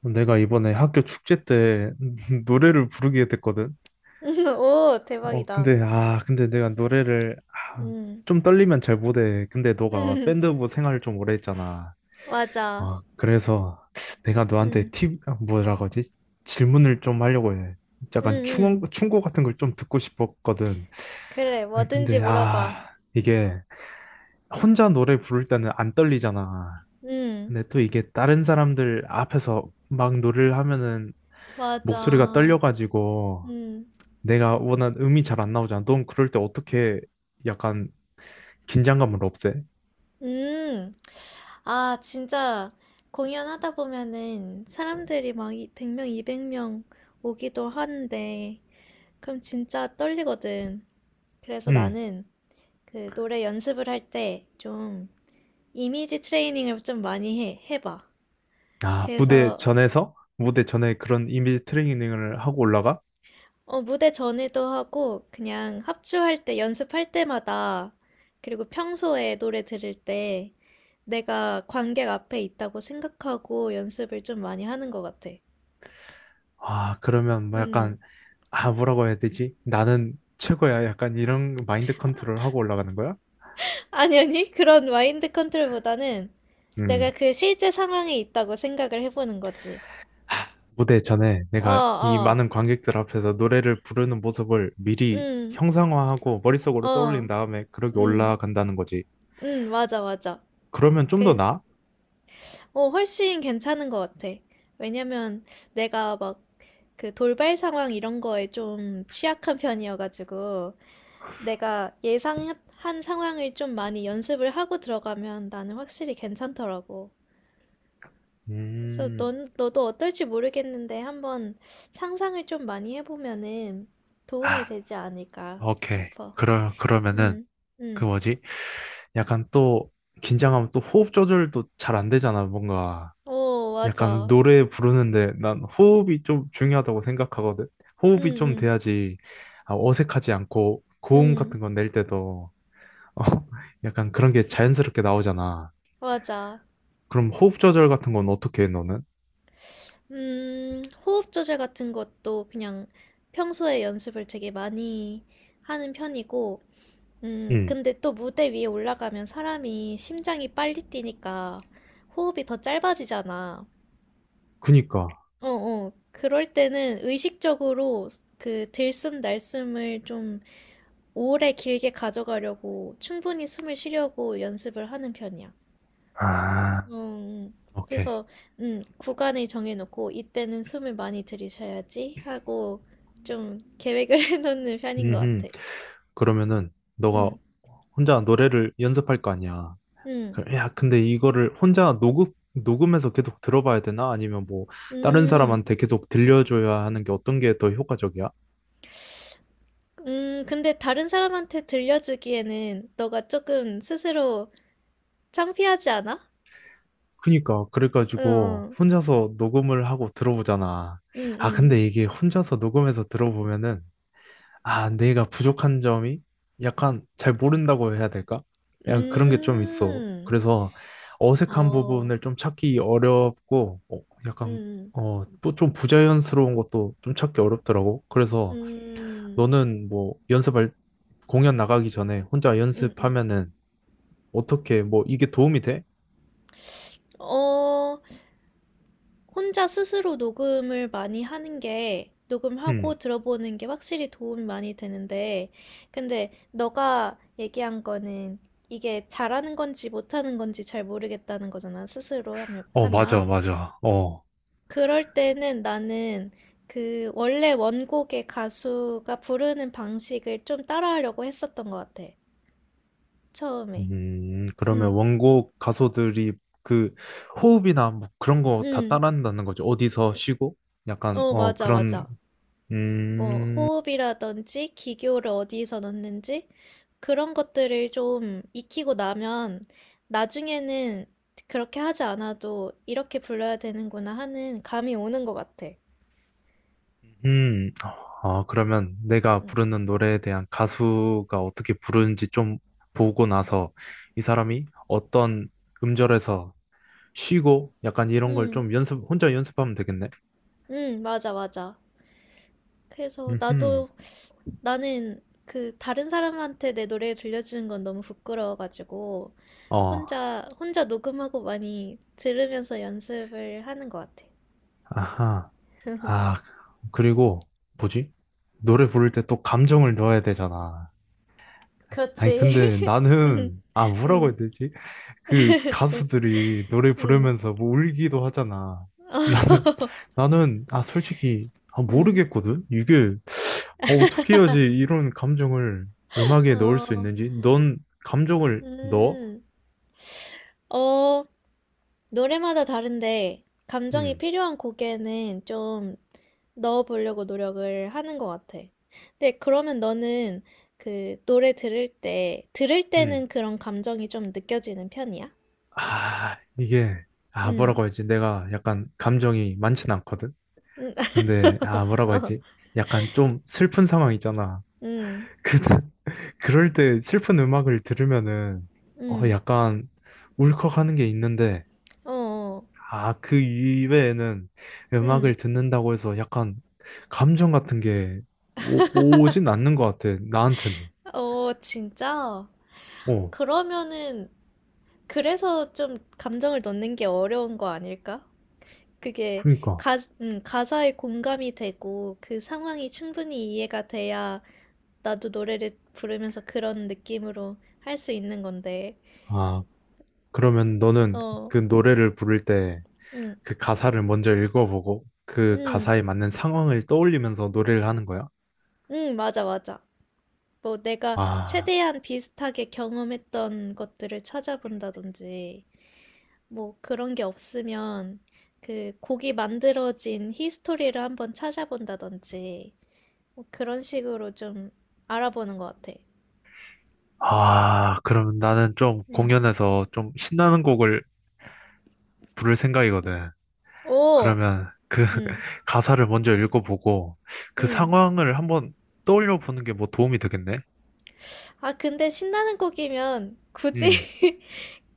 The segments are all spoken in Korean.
내가 이번에 학교 축제 때 노래를 부르게 됐거든. 오, 어, 대박이다. 근데, 아, 근데 내가 아, 음, 좀 떨리면 잘 못해. 근데 너가 음, 밴드부 생활을 좀 오래 했잖아. 맞아. 그래서 내가 너한테 음, 뭐라고 하지? 질문을 좀 하려고 해. 음, 약간 음. 충고 같은 걸 좀 듣고 싶었거든. 그래, 아니, 뭐든지 근데, 물어봐. 아, 이게 혼자 노래 부를 때는 안 떨리잖아. 음, 근데 또 이게 다른 사람들 앞에서 막 노래를 하면은 목소리가 맞아. 떨려가지고 음, 내가 원한 음이 잘 안 나오잖아. 넌 그럴 때 어떻게 약간 긴장감을 없애? 음. 아, 진짜 공연하다 보면은 사람들이 막 100명, 200명 오기도 하는데, 그럼 진짜 떨리거든. 그래서 음. 나는 그 노래 연습을 할 때 좀 이미지 트레이닝을 좀 많이 해봐. 아, 무대 그래서 전에서? 무대 전에 그런 이미지 트레이닝을 하고 올라가? 무대 전에도 하고, 그냥 합주할 때, 연습할 때마다, 그리고 평소에 노래 들을 때, 내가 관객 앞에 있다고 생각하고 연습을 좀 많이 하는 것 같아. 아, 그러면 뭐 음. 약간, 아, 뭐라고 해야 되지? 나는 최고야. 약간 이런 마인드 컨트롤 하고 올라가는 거야? 아니, 아니, 그런 마인드 컨트롤보다는 내가 음. 그 실제 상황에 있다고 생각을 해보는 거지. 무대 전에 어, 내가 이 어, 많은 관객들 앞에서 노래를 부르는 모습을 미리 음, 형상화하고 머릿속으로 떠올린 어, 다음에 그렇게 음, 올라간다는 거지. 맞아, 맞아. 그러면 좀 더 그, 나아? 훨씬 괜찮은 것 같아. 왜냐면 내가 막 그 돌발 상황 이런 거에 좀 취약한 편이어가지고 내가 예상한 상황을 좀 많이 연습을 하고 들어가면 나는 확실히 괜찮더라고. 그래서 음. 너도 어떨지 모르겠는데 한번 상상을 좀 많이 해보면은 도움이 아. 되지 않을까 오케이. 싶어. 그러면은, 응, 그 응. 뭐지? 약간 또, 긴장하면 또 호흡 조절도 잘 안 되잖아, 뭔가. 오, 약간 맞아. 노래 부르는데 난 호흡이 좀 중요하다고 생각하거든. 응, 호흡이 좀 응, 돼야지 아, 어색하지 않고 고음 응. 같은 건 낼 때도 어, 약간 그런 게 자연스럽게 나오잖아. 맞아. 그럼 호흡 조절 같은 건 어떻게 해, 너는? 호흡 조절 같은 것도 그냥 평소에 연습을 되게 많이 하는 편이고, 응, 근데 또 무대 위에 올라가면 사람이 심장이 빨리 뛰니까 호흡이 더 짧아지잖아. 그니까. 어, 어. 그럴 때는 의식적으로 그 들숨 날숨을 좀 오래 길게 가져가려고 충분히 숨을 쉬려고 연습을 하는 편이야. 아, 음, 오케이. 그래서 구간을 정해놓고 이때는 숨을 많이 들이셔야지 하고 좀 계획을 해놓는 편인 것 음, 같아. 그러면은 너가 음, 혼자 노래를 연습할 거 아니야. 음, 야, 근데 이거를 녹음해서 계속 들어봐야 되나? 아니면 뭐, 다른 음. 사람한테 계속 들려줘야 하는 게 어떤 게 더 효과적이야? 근데 다른 사람한테 들려주기에는 너가 조금 스스로 창피하지 않아? 그니까, 그래가지고, 응, 혼자서 녹음을 하고 들어보잖아. 응, 아, 응, 근데 이게 혼자서 녹음해서 들어보면은, 아, 내가 부족한 점이 약간 잘 모른다고 해야 될까? 응. 약간 그런 게 좀 있어. 그래서 어색한 아오, 부분을 좀 찾기 어렵고, 어, 약간, 음, 어, 또 좀 부자연스러운 것도 좀 찾기 어렵더라고. 그래서, 음, 너는 뭐 연습할 공연 나가기 전에 혼자 음. 연습하면은 어떻게 뭐 이게 도움이 돼? 어, 혼자 스스로 녹음을 많이 하는 게, 녹음하고 음. 들어보는 게 확실히 도움이 많이 되는데, 근데 너가 얘기한 거는 이게 잘하는 건지 못하는 건지 잘 모르겠다는 거잖아, 스스로 하면. 어, 맞아, 하면. 맞아. 어. 그럴 때는 나는 그 원래 원곡의 가수가 부르는 방식을 좀 따라하려고 했었던 것 같아. 처음에. 그러면 응, 원곡 가수들이 그 호흡이나 뭐 그런 거 다 응. 따라한다는 거죠. 어디서 쉬고 약간 어, 어 맞아, 그런 맞아. 뭐, 음. 호흡이라든지 기교를 어디서 넣는지 그런 것들을 좀 익히고 나면 나중에는 그렇게 하지 않아도 이렇게 불러야 되는구나 하는 감이 오는 것 같아. 음. 아, 그러면 내가 응, 부르는 노래에 대한 가수가 어떻게 부르는지 좀 보고 나서 이 사람이 어떤 음절에서 쉬고 약간 이런 걸 응, 좀 연습 혼자 연습하면 되겠네. 응, 맞아, 맞아. 그래서 음. 나도 나는 그 다른 사람한테 내 노래 들려주는 건 너무 부끄러워가지고 어. 혼자 녹음하고 많이 들으면서 연습을 하는 것 같아. 아하. 아, 그리고 뭐지? 노래 부를 때 또 감정을 넣어야 되잖아. 아니 근데 그렇지. 음, 나는 아 뭐라고 해야 음, 되지? 그 가수들이 노래 음, 부르면서 뭐 울기도 하잖아. 나는 나는 아 솔직히 아 음. 모르겠거든. 이게 어, 어떻게 해야지 이런 감정을 음악에 넣을 수 어, 있는지? 넌 감정을 넣어? 음. 어, 노래마다 다른데 감정이 음. 필요한 곡에는 좀 넣어보려고 노력을 하는 것 같아. 근데 그러면 너는 그 노래 들을 음. 때는 그런 감정이 좀 느껴지는 편이야? 아, 이게, 아, 음. 뭐라고 하지? 내가 약간 감정이 많진 않거든? 음, 근데, 아, 뭐라고 어, 하지? 약간 좀 슬픈 상황 있잖아. 음, 그, 그럴 때 슬픈 음악을 들으면은, 어, 음, 약간 울컥하는 게 있는데, 어, 어, 아, 그 이외에는 음악을 음, 듣는다고 해서 약간 감정 같은 게 오진 않는 것 같아, 나한테는. 어, 진짜? 어, 그러면은, 그래서 좀 감정을 넣는 게 어려운 거 아닐까? 그게 그러니까. 가사에 공감이 되고, 그 상황이 충분히 이해가 돼야 나도 노래를 부르면서 그런 느낌으로 할 수 있는 건데, 아, 그러면 너는 어, 그 노래를 부를 때, 응. 그 가사를 먼저 읽어보고 그 응. 가사에 맞는 상황을 떠올리면서 노래를 하는 거야? 응. 맞아, 맞아. 뭐 내가 아, 최대한 비슷하게 경험했던 것들을 찾아본다든지, 뭐 그런 게 없으면 그 곡이 만들어진 히스토리를 한번 찾아본다든지 뭐 그런 식으로 좀 알아보는 것 같아. 아, 그러면 나는 좀 음. 공연에서 좀 신나는 곡을 부를 생각이거든. 오, 그러면 그 음, 가사를 먼저 읽어보고 그 음. 상황을 한번 떠올려 보는 게 뭐 도움이 되겠네? 아, 근데 신나는 곡이면 굳이 음.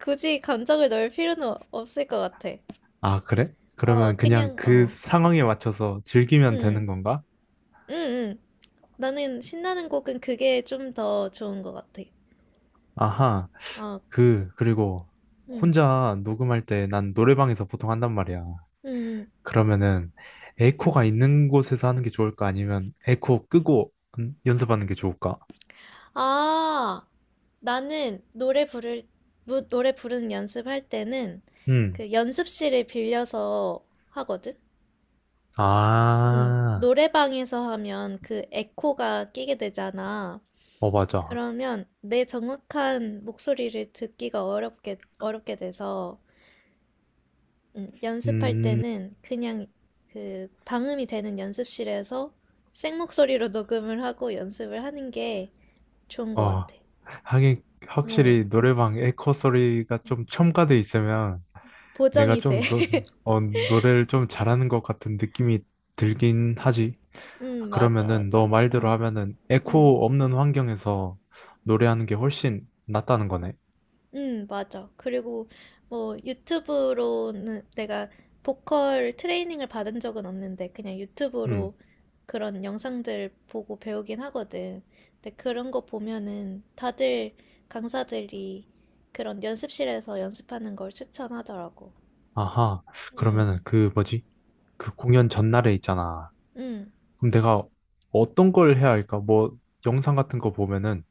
굳이 감정을 넣을 필요는 없을 것 같아. 아, 그래? 어, 그러면 그냥 그냥 그 상황에 맞춰서 즐기면 음, 되는 건가? 음, 음. 나는 신나는 곡은 그게 좀 더 좋은 것 같아. 아하. 어, 그리고 음, 혼자 녹음할 때 난 노래방에서 보통 한단 말이야. 음. 그러면은 에이코가 있는 곳에서 하는 게 좋을까? 아니면 에이코 끄고 연습하는 게 좋을까? 아, 나는 노래 부르는 연습할 때는 음. 그 연습실을 빌려서 하거든? 응. 아, 노래방에서 하면 그 에코가 끼게 되잖아. 어, 맞아. 그러면 내 정확한 목소리를 듣기가 어렵게 돼서, 연습할 음, 때는 그냥 그 방음이 되는 연습실에서 생목소리로 녹음을 하고 연습을 하는 게 좋은 것 어, 같아. 하긴, 응, 확실히 노래방 에코 소리가 좀 첨가돼 있으면 내가 보정이 돼. 좀 노, 어, 노래를 좀 잘하는 것 같은 느낌이 들긴 하지. 맞아, 그러면은 맞아. 너 말대로 하면은 음, 에코 없는 환경에서 노래하는 게 훨씬 낫다는 거네. 맞아. 그리고 뭐 유튜브로는 내가 보컬 트레이닝을 받은 적은 없는데 그냥 음, 유튜브로 그런 영상들 보고 배우긴 하거든. 근데 그런 거 보면은 다들 강사들이 그런 연습실에서 연습하는 걸 추천하더라고. 아하. 음, 그러면은 그 뭐지? 그 공연 전날에 있잖아. 음, 그럼 내가 어떤 걸 해야 할까? 뭐 영상 같은 거 보면은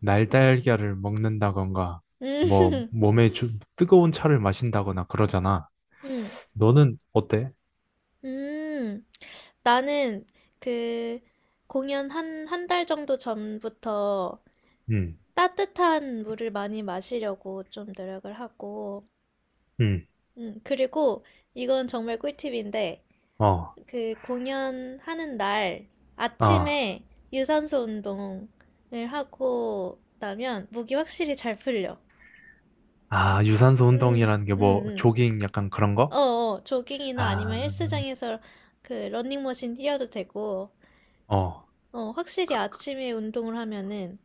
날달걀을 먹는다던가 뭐 음, 몸에 좀 뜨거운 차를 마신다거나 그러잖아. 음, 너는 어때? 음. 나는 그 공연 한, 한 달 정도 전부터 응, 따뜻한 물을 많이 마시려고 좀 노력을 하고, 응, 그리고 이건 정말 꿀팁인데, 어, 그 공연하는 날 아, 아침에 유산소 운동을 하고 나면 목이 확실히 잘 풀려. 아, 유산소 음, 운동이라는 게 음, 뭐 음. 조깅 약간 그런 거? 어, 어, 조깅이나 아니면 아, 헬스장에서 그 러닝머신 뛰어도 되고, 어, 어, 확실히 그, 그, 아침에 운동을 하면은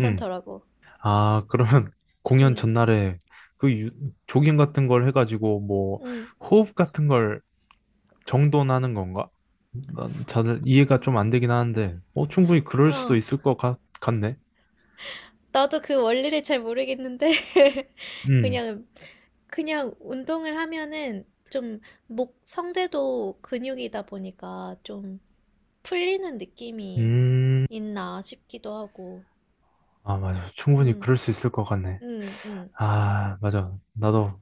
응, 아, 그러면 공연 음, 전날에 그 조깅 같은 걸 해가지고 뭐 음, 호흡 같은 걸 정돈하는 건가? 난 잘 이해가 좀 안 되긴 하는데, 어, 충분히 그럴 수도 어. 있을 같네. 나도 그 원리를 잘 모르겠는데 음, 그냥 그냥 운동을 하면은 좀 목 성대도 근육이다 보니까 좀 풀리는 느낌이 음, 있나 싶기도 하고. 아, 맞아. 충분히 그럴 음, 수 있을 것 같네. 음, 음, 아, 맞아. 나도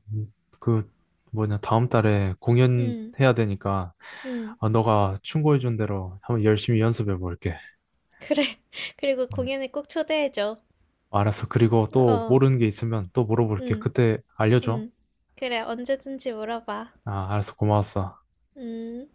그 뭐냐, 다음 달에 공연 음, 해야 되니까, 음. 아, 너가 충고해준 대로 한번 열심히 연습해 볼게. 그래. 그리고 음, 공연에 꼭 초대해줘. 알았어. 그리고 또 어, 모르는 게 있으면 또 물어볼게. 음, 그때 알려줘. 음. 그래, 언제든지 물어봐. 아, 알았어. 고마웠어. 음.